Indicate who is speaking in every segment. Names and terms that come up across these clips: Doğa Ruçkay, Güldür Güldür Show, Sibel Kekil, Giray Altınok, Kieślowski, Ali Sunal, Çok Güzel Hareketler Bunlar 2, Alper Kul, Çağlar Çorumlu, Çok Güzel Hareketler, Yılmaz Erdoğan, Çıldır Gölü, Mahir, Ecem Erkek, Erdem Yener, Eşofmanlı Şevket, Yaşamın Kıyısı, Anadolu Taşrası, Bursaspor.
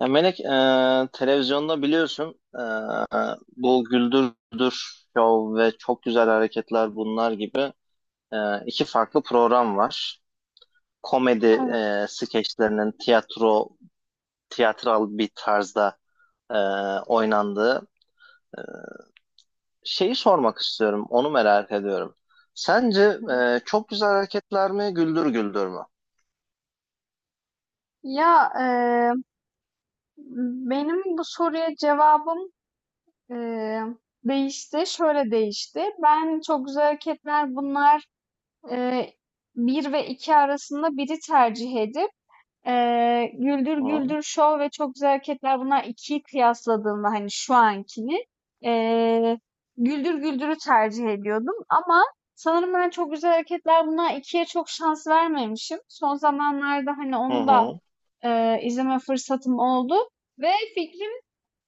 Speaker 1: Ya Melek, televizyonda biliyorsun, bu Güldürdür Show ve Çok Güzel Hareketler bunlar gibi iki farklı program var. Komedi
Speaker 2: Evet,
Speaker 1: skeçlerinin tiyatro, tiyatral bir tarzda e, oynandığı şeyi sormak istiyorum. Onu merak ediyorum. Sence
Speaker 2: hı hı.
Speaker 1: çok güzel hareketler mi, güldür güldür mü?
Speaker 2: Ya eee, Benim bu soruya cevabım eee, değişti. Şöyle değişti. Ben çok güzel hareketler bunlar eee, bir ve iki arasında biri tercih edip Güldür
Speaker 1: Hı
Speaker 2: Güldür Show ve çok güzel hareketler bunlar ikiyi kıyasladığımda hani şu ankini eee, Güldür Güldür'ü tercih ediyordum ama sanırım ben çok güzel hareketler bunlar ikiye çok şans vermemişim. Son zamanlarda hani onu da
Speaker 1: hı
Speaker 2: izleme fırsatım oldu ve fikrim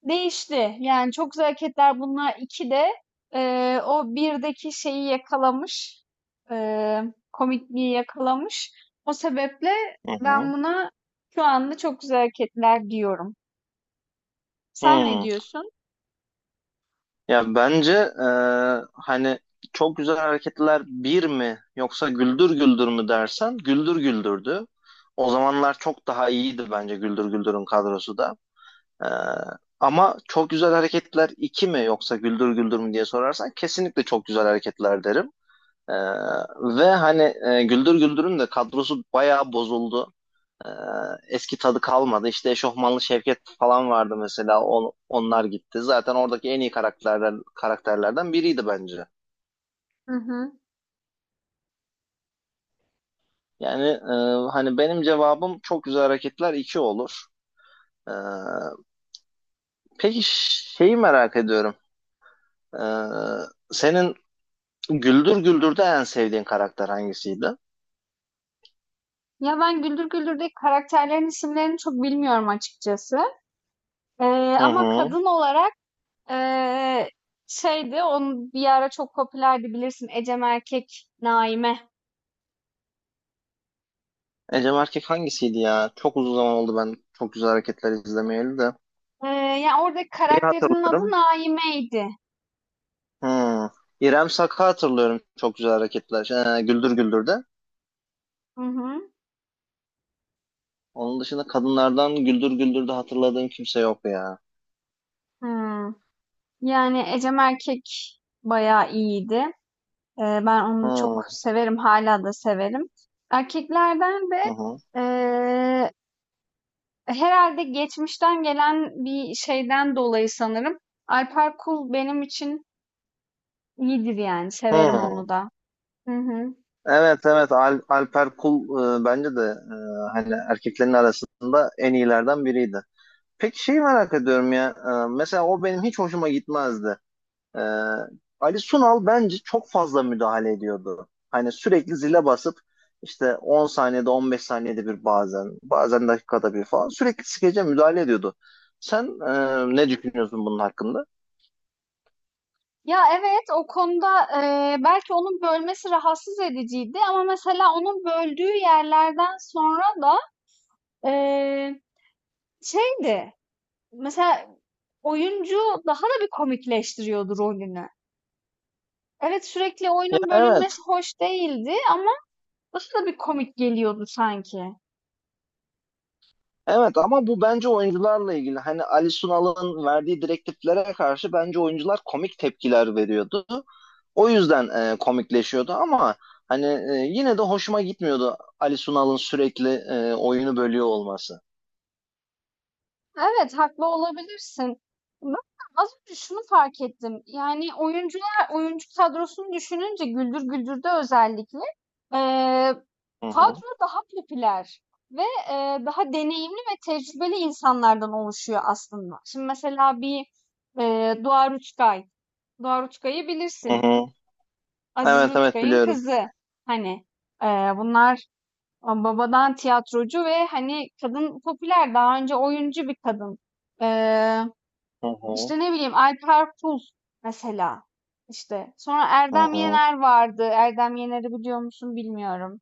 Speaker 2: değişti. Yani Çok Güzel Hareketler Bunlar 2 de o 1'deki şeyi yakalamış, eee, komikliği yakalamış. O sebeple
Speaker 1: hı
Speaker 2: ben
Speaker 1: hı.
Speaker 2: buna şu anda Çok Güzel Hareketler diyorum. Sen ne
Speaker 1: Hı.
Speaker 2: diyorsun?
Speaker 1: Ya bence, hani çok güzel hareketler bir mi yoksa güldür güldür mü dersen güldür güldürdü. O zamanlar çok daha iyiydi bence, güldür güldürün kadrosu da. E, Ama çok güzel hareketler iki mi yoksa güldür güldür mü diye sorarsan kesinlikle çok güzel hareketler derim. E, Ve hani, güldür güldürün de kadrosu bayağı bozuldu. Ee, Eski tadı kalmadı. İşte Eşofmanlı Şevket falan vardı mesela. Onlar gitti. Zaten oradaki en iyi karakterlerden biriydi bence.
Speaker 2: Hı hı.
Speaker 1: Yani, hani benim cevabım çok güzel hareketler 2 olur. Ee, peki, şeyi merak ediyorum. Ee, Senin Güldür Güldür'de en sevdiğin karakter hangisiydi?
Speaker 2: Ya ben Güldür Güldür'deki karakterlerin isimlerini çok bilmiyorum açıkçası. Eee,
Speaker 1: Hı
Speaker 2: ama
Speaker 1: hı.
Speaker 2: kadın olarak eee şeydi, onun bir ara çok popülerdi bilirsin. Ecem Erkek, Naime.
Speaker 1: Ecem Erkek hangisiydi ya? Çok uzun zaman oldu ben çok güzel hareketler izlemeyeli de.
Speaker 2: Eee, ya, oradaki
Speaker 1: Şeyi
Speaker 2: karakterinin adı
Speaker 1: hatırlıyorum.
Speaker 2: Naime'ydi.
Speaker 1: Hmm. İrem Sak'ı hatırlıyorum, çok güzel hareketler. Güldür Güldür'de.
Speaker 2: Hı hı.
Speaker 1: Onun dışında kadınlardan Güldür Güldür'de hatırladığım kimse yok ya.
Speaker 2: Hımm. Yani Ecem Erkek bayağı iyiydi. Ben onu çok
Speaker 1: Hmm.
Speaker 2: severim, hala da severim. Erkeklerden de,
Speaker 1: Hı hı.
Speaker 2: eee, herhâlde geçmişten gelen bir şeyden dolayı sanırım Alper Kul benim için iyidir yani, severim
Speaker 1: Hmm.
Speaker 2: onu da. Hı hı.
Speaker 1: Evet, evet, Alper Kul, bence de, hani erkeklerin arasında en iyilerden biriydi. Peki, şeyi merak ediyorum ya. Mesela o benim hiç hoşuma gitmezdi. Ee, Ali Sunal bence çok fazla müdahale ediyordu. Hani sürekli zile basıp, işte 10 saniyede, 15 saniyede bir, bazen dakikada bir falan, sürekli skece müdahale ediyordu. Sen, ne düşünüyorsun bunun hakkında?
Speaker 2: Ya, evet, o konuda, belki onun bölmesi rahatsız ediciydi ama mesela onun böldüğü yerlerden sonra da Eee, şeydi, mesela oyuncu daha da bir komikleştiriyordu rolünü. Evet, sürekli
Speaker 1: Ya
Speaker 2: oyunun
Speaker 1: evet.
Speaker 2: bölünmesi hoş değildi ama daha da bir komik geliyordu sanki.
Speaker 1: Evet, ama bu bence oyuncularla ilgili. Hani Ali Sunal'ın verdiği direktiflere karşı bence oyuncular komik tepkiler veriyordu. O yüzden komikleşiyordu, ama hani, yine de hoşuma gitmiyordu Ali Sunal'ın sürekli oyunu bölüyor olması.
Speaker 2: Evet, haklı olabilirsin. Ben az önce şunu fark ettim. Yani oyuncular, oyuncu kadrosunu düşününce Güldür Güldür'de özellikle eee,
Speaker 1: Hı hı.
Speaker 2: kadro daha popüler ve daha deneyimli ve tecrübeli insanlardan oluşuyor aslında. Şimdi mesela bir Doğa Ruçkay. Doğa Ruçkay'ı
Speaker 1: Hı
Speaker 2: bilirsin.
Speaker 1: hı.
Speaker 2: Aziz
Speaker 1: Evet, evet,
Speaker 2: Ruçkay'ın
Speaker 1: biliyorum.
Speaker 2: kızı. Hani bunlar babadan tiyatrocu ve hani kadın popüler. Daha önce oyuncu bir kadın.
Speaker 1: Hı hı.
Speaker 2: İşte ne bileyim Alper Kul mesela. İşte sonra
Speaker 1: Hı
Speaker 2: Erdem
Speaker 1: hı.
Speaker 2: Yener vardı. Erdem Yener'i biliyor musun bilmiyorum.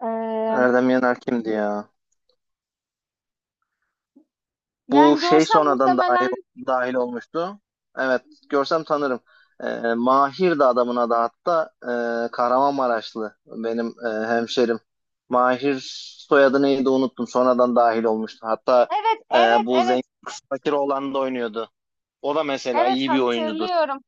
Speaker 2: Ee,
Speaker 1: Erdem Yener kimdi ya? Bu
Speaker 2: yani
Speaker 1: şey
Speaker 2: görsem
Speaker 1: sonradan dahil,
Speaker 2: muhtemelen
Speaker 1: dahil olmuştu. Evet, görsem tanırım. Mahir de adamın adı, hatta Kahramanmaraşlı, benim hemşerim. Mahir soyadı neydi, unuttum. Sonradan dahil olmuştu. Hatta
Speaker 2: evet
Speaker 1: e,
Speaker 2: evet
Speaker 1: bu
Speaker 2: evet
Speaker 1: zengin kız fakir olan da oynuyordu. O da mesela
Speaker 2: evet
Speaker 1: iyi bir oyuncudur.
Speaker 2: hatırlıyorum.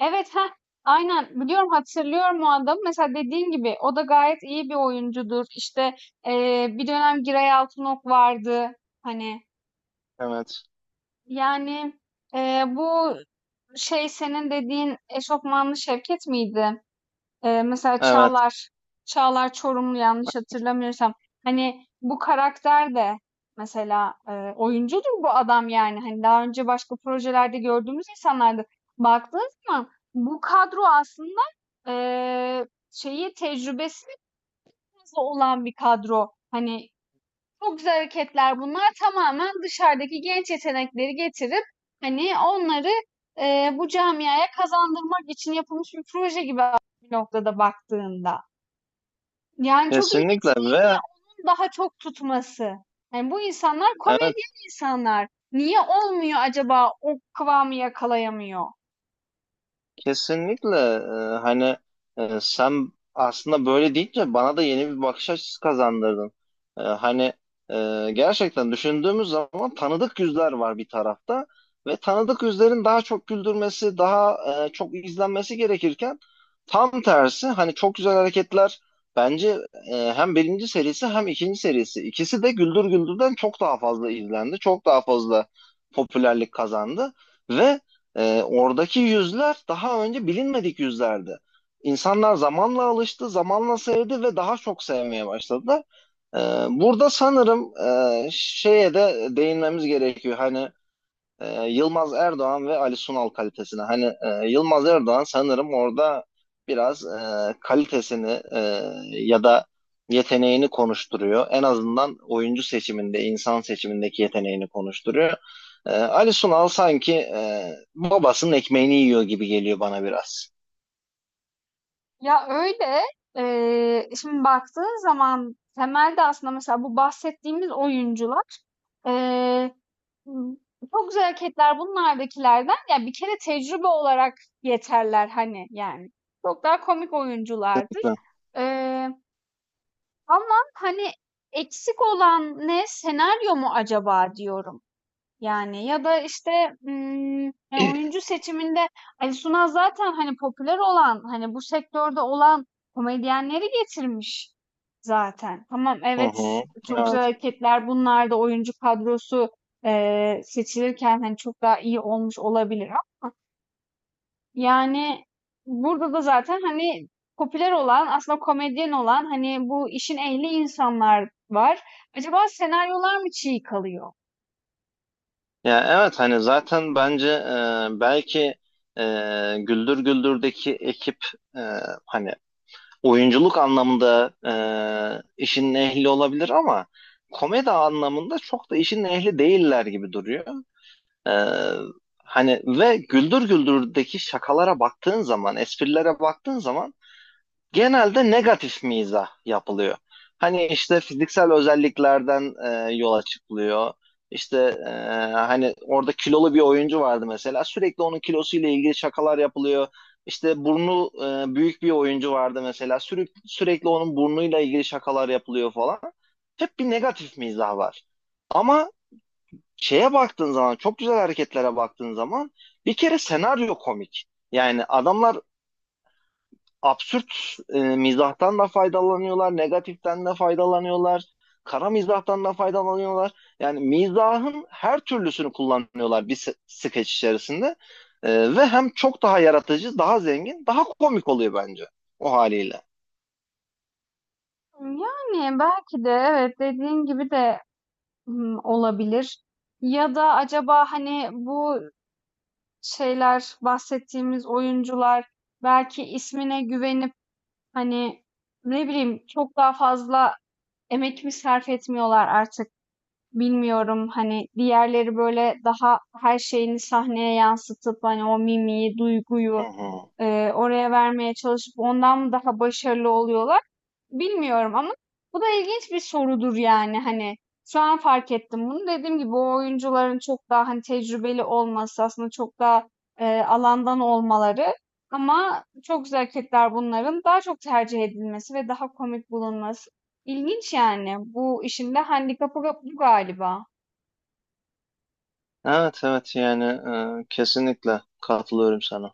Speaker 2: Evet, ha, aynen biliyorum, hatırlıyorum o adamı. Mesela dediğim gibi o da gayet iyi bir oyuncudur. İşte bir dönem Giray Altınok vardı. Hani
Speaker 1: Evet.
Speaker 2: yani ee, bu şey senin dediğin eşofmanlı Şevket miydi? Mesela
Speaker 1: Evet.
Speaker 2: Çağlar, Çağlar Çorumlu yanlış hatırlamıyorsam. Hani bu karakter de mesela oyuncudur bu adam yani. Hani daha önce başka projelerde gördüğümüz insanlardı. Baktığın zaman bu kadro aslında eee, şeyi tecrübesi fazla olan bir kadro. Hani çok güzel hareketler bunlar tamamen dışarıdaki genç yetenekleri getirip hani onları bu camiaya kazandırmak için yapılmış bir proje gibi bir noktada baktığında. Yani çok ilginç
Speaker 1: Kesinlikle ve
Speaker 2: daha çok tutması. Yani bu insanlar
Speaker 1: evet.
Speaker 2: komedyen insanlar. Niye olmuyor acaba, o kıvamı yakalayamıyor?
Speaker 1: Kesinlikle, hani, sen aslında böyle deyince bana da yeni bir bakış açısı kazandırdın. Hani, gerçekten düşündüğümüz zaman tanıdık yüzler var bir tarafta, ve tanıdık yüzlerin daha çok güldürmesi, daha çok izlenmesi gerekirken, tam tersi, hani, çok güzel hareketler, bence, hem birinci serisi hem ikinci serisi, ikisi de Güldür Güldür'den çok daha fazla izlendi, çok daha fazla popülerlik kazandı, ve oradaki yüzler daha önce bilinmedik yüzlerdi. İnsanlar zamanla alıştı, zamanla sevdi ve daha çok sevmeye başladılar. Ee, Burada sanırım, şeye de değinmemiz gerekiyor. Hani, Yılmaz Erdoğan ve Ali Sunal kalitesine. Hani, Yılmaz Erdoğan sanırım orada biraz kalitesini, ya da yeteneğini konuşturuyor. En azından oyuncu seçiminde, insan seçimindeki yeteneğini konuşturuyor. Ali Sunal sanki babasının ekmeğini yiyor gibi geliyor bana biraz.
Speaker 2: Ya öyle. Şimdi baktığın zaman temelde aslında mesela bu bahsettiğimiz oyuncular eee, çok güzel hareketler bunlardakilerden ya bir kere tecrübe olarak yeterler hani yani. Çok daha komik oyunculardır. Eee Ama hani eksik olan ne? Senaryo mu acaba diyorum. Yani ya da işte ım, yani oyuncu seçiminde Ali Sunal zaten hani popüler olan hani bu sektörde olan komedyenleri getirmiş zaten. Tamam
Speaker 1: Hı
Speaker 2: evet
Speaker 1: hı.
Speaker 2: çok güzel
Speaker 1: Evet.
Speaker 2: hareketler bunlar da oyuncu kadrosu seçilirken hani çok daha iyi olmuş olabilir yani, burada da zaten, hani, popüler olan, aslında komedyen olan, hani, bu işin ehli insanlar var. Acaba senaryolar mı çiğ kalıyor?
Speaker 1: Ya evet, hani zaten bence, belki e, Güldür Güldür'deki ekip, e, hani oyunculuk anlamında, işin ehli olabilir ama komedi anlamında çok da işin ehli değiller gibi duruyor. E, Hani ve Güldür Güldür'deki şakalara baktığın zaman, esprilere baktığın zaman, genelde negatif mizah yapılıyor. Hani işte fiziksel özelliklerden yola çıkılıyor. İşte, e, hani orada kilolu bir oyuncu vardı mesela. Sürekli onun kilosuyla ilgili şakalar yapılıyor. İşte burnu büyük bir oyuncu vardı mesela. Sürekli onun burnuyla ilgili şakalar yapılıyor falan. Hep bir negatif mizah var. Ama şeye baktığın zaman, çok güzel hareketlere baktığın zaman, bir kere senaryo komik. Yani adamlar absürt mizahtan da faydalanıyorlar, negatiften de faydalanıyorlar, kara mizahtan da faydalanıyorlar. Yani mizahın her türlüsünü kullanıyorlar bir skeç içerisinde. Ve hem çok daha yaratıcı, daha zengin, daha komik oluyor bence o haliyle.
Speaker 2: Yani, belki de evet, dediğin gibi de, olabilir ya da acaba, hani, bu şeyler, bahsettiğimiz oyuncular belki ismine güvenip, hani, ne bileyim, çok daha fazla emek mi sarf etmiyorlar artık? Bilmiyorum hani diğerleri böyle daha her şeyini sahneye yansıtıp hani o mimiği,
Speaker 1: Hı
Speaker 2: duyguyu
Speaker 1: hı.
Speaker 2: oraya vermeye çalışıp ondan daha başarılı oluyorlar? Bilmiyorum ama bu da ilginç bir sorudur yani hani şu an fark ettim bunu. Dediğim gibi o oyuncuların çok daha hani tecrübeli olması aslında çok daha alandan olmaları ama çok güzel hareketler bunların daha çok tercih edilmesi ve daha komik bulunması. İlginç yani. Bu işin de handikapı bu galiba.
Speaker 1: Evet, evet, yani, kesinlikle katılıyorum sana.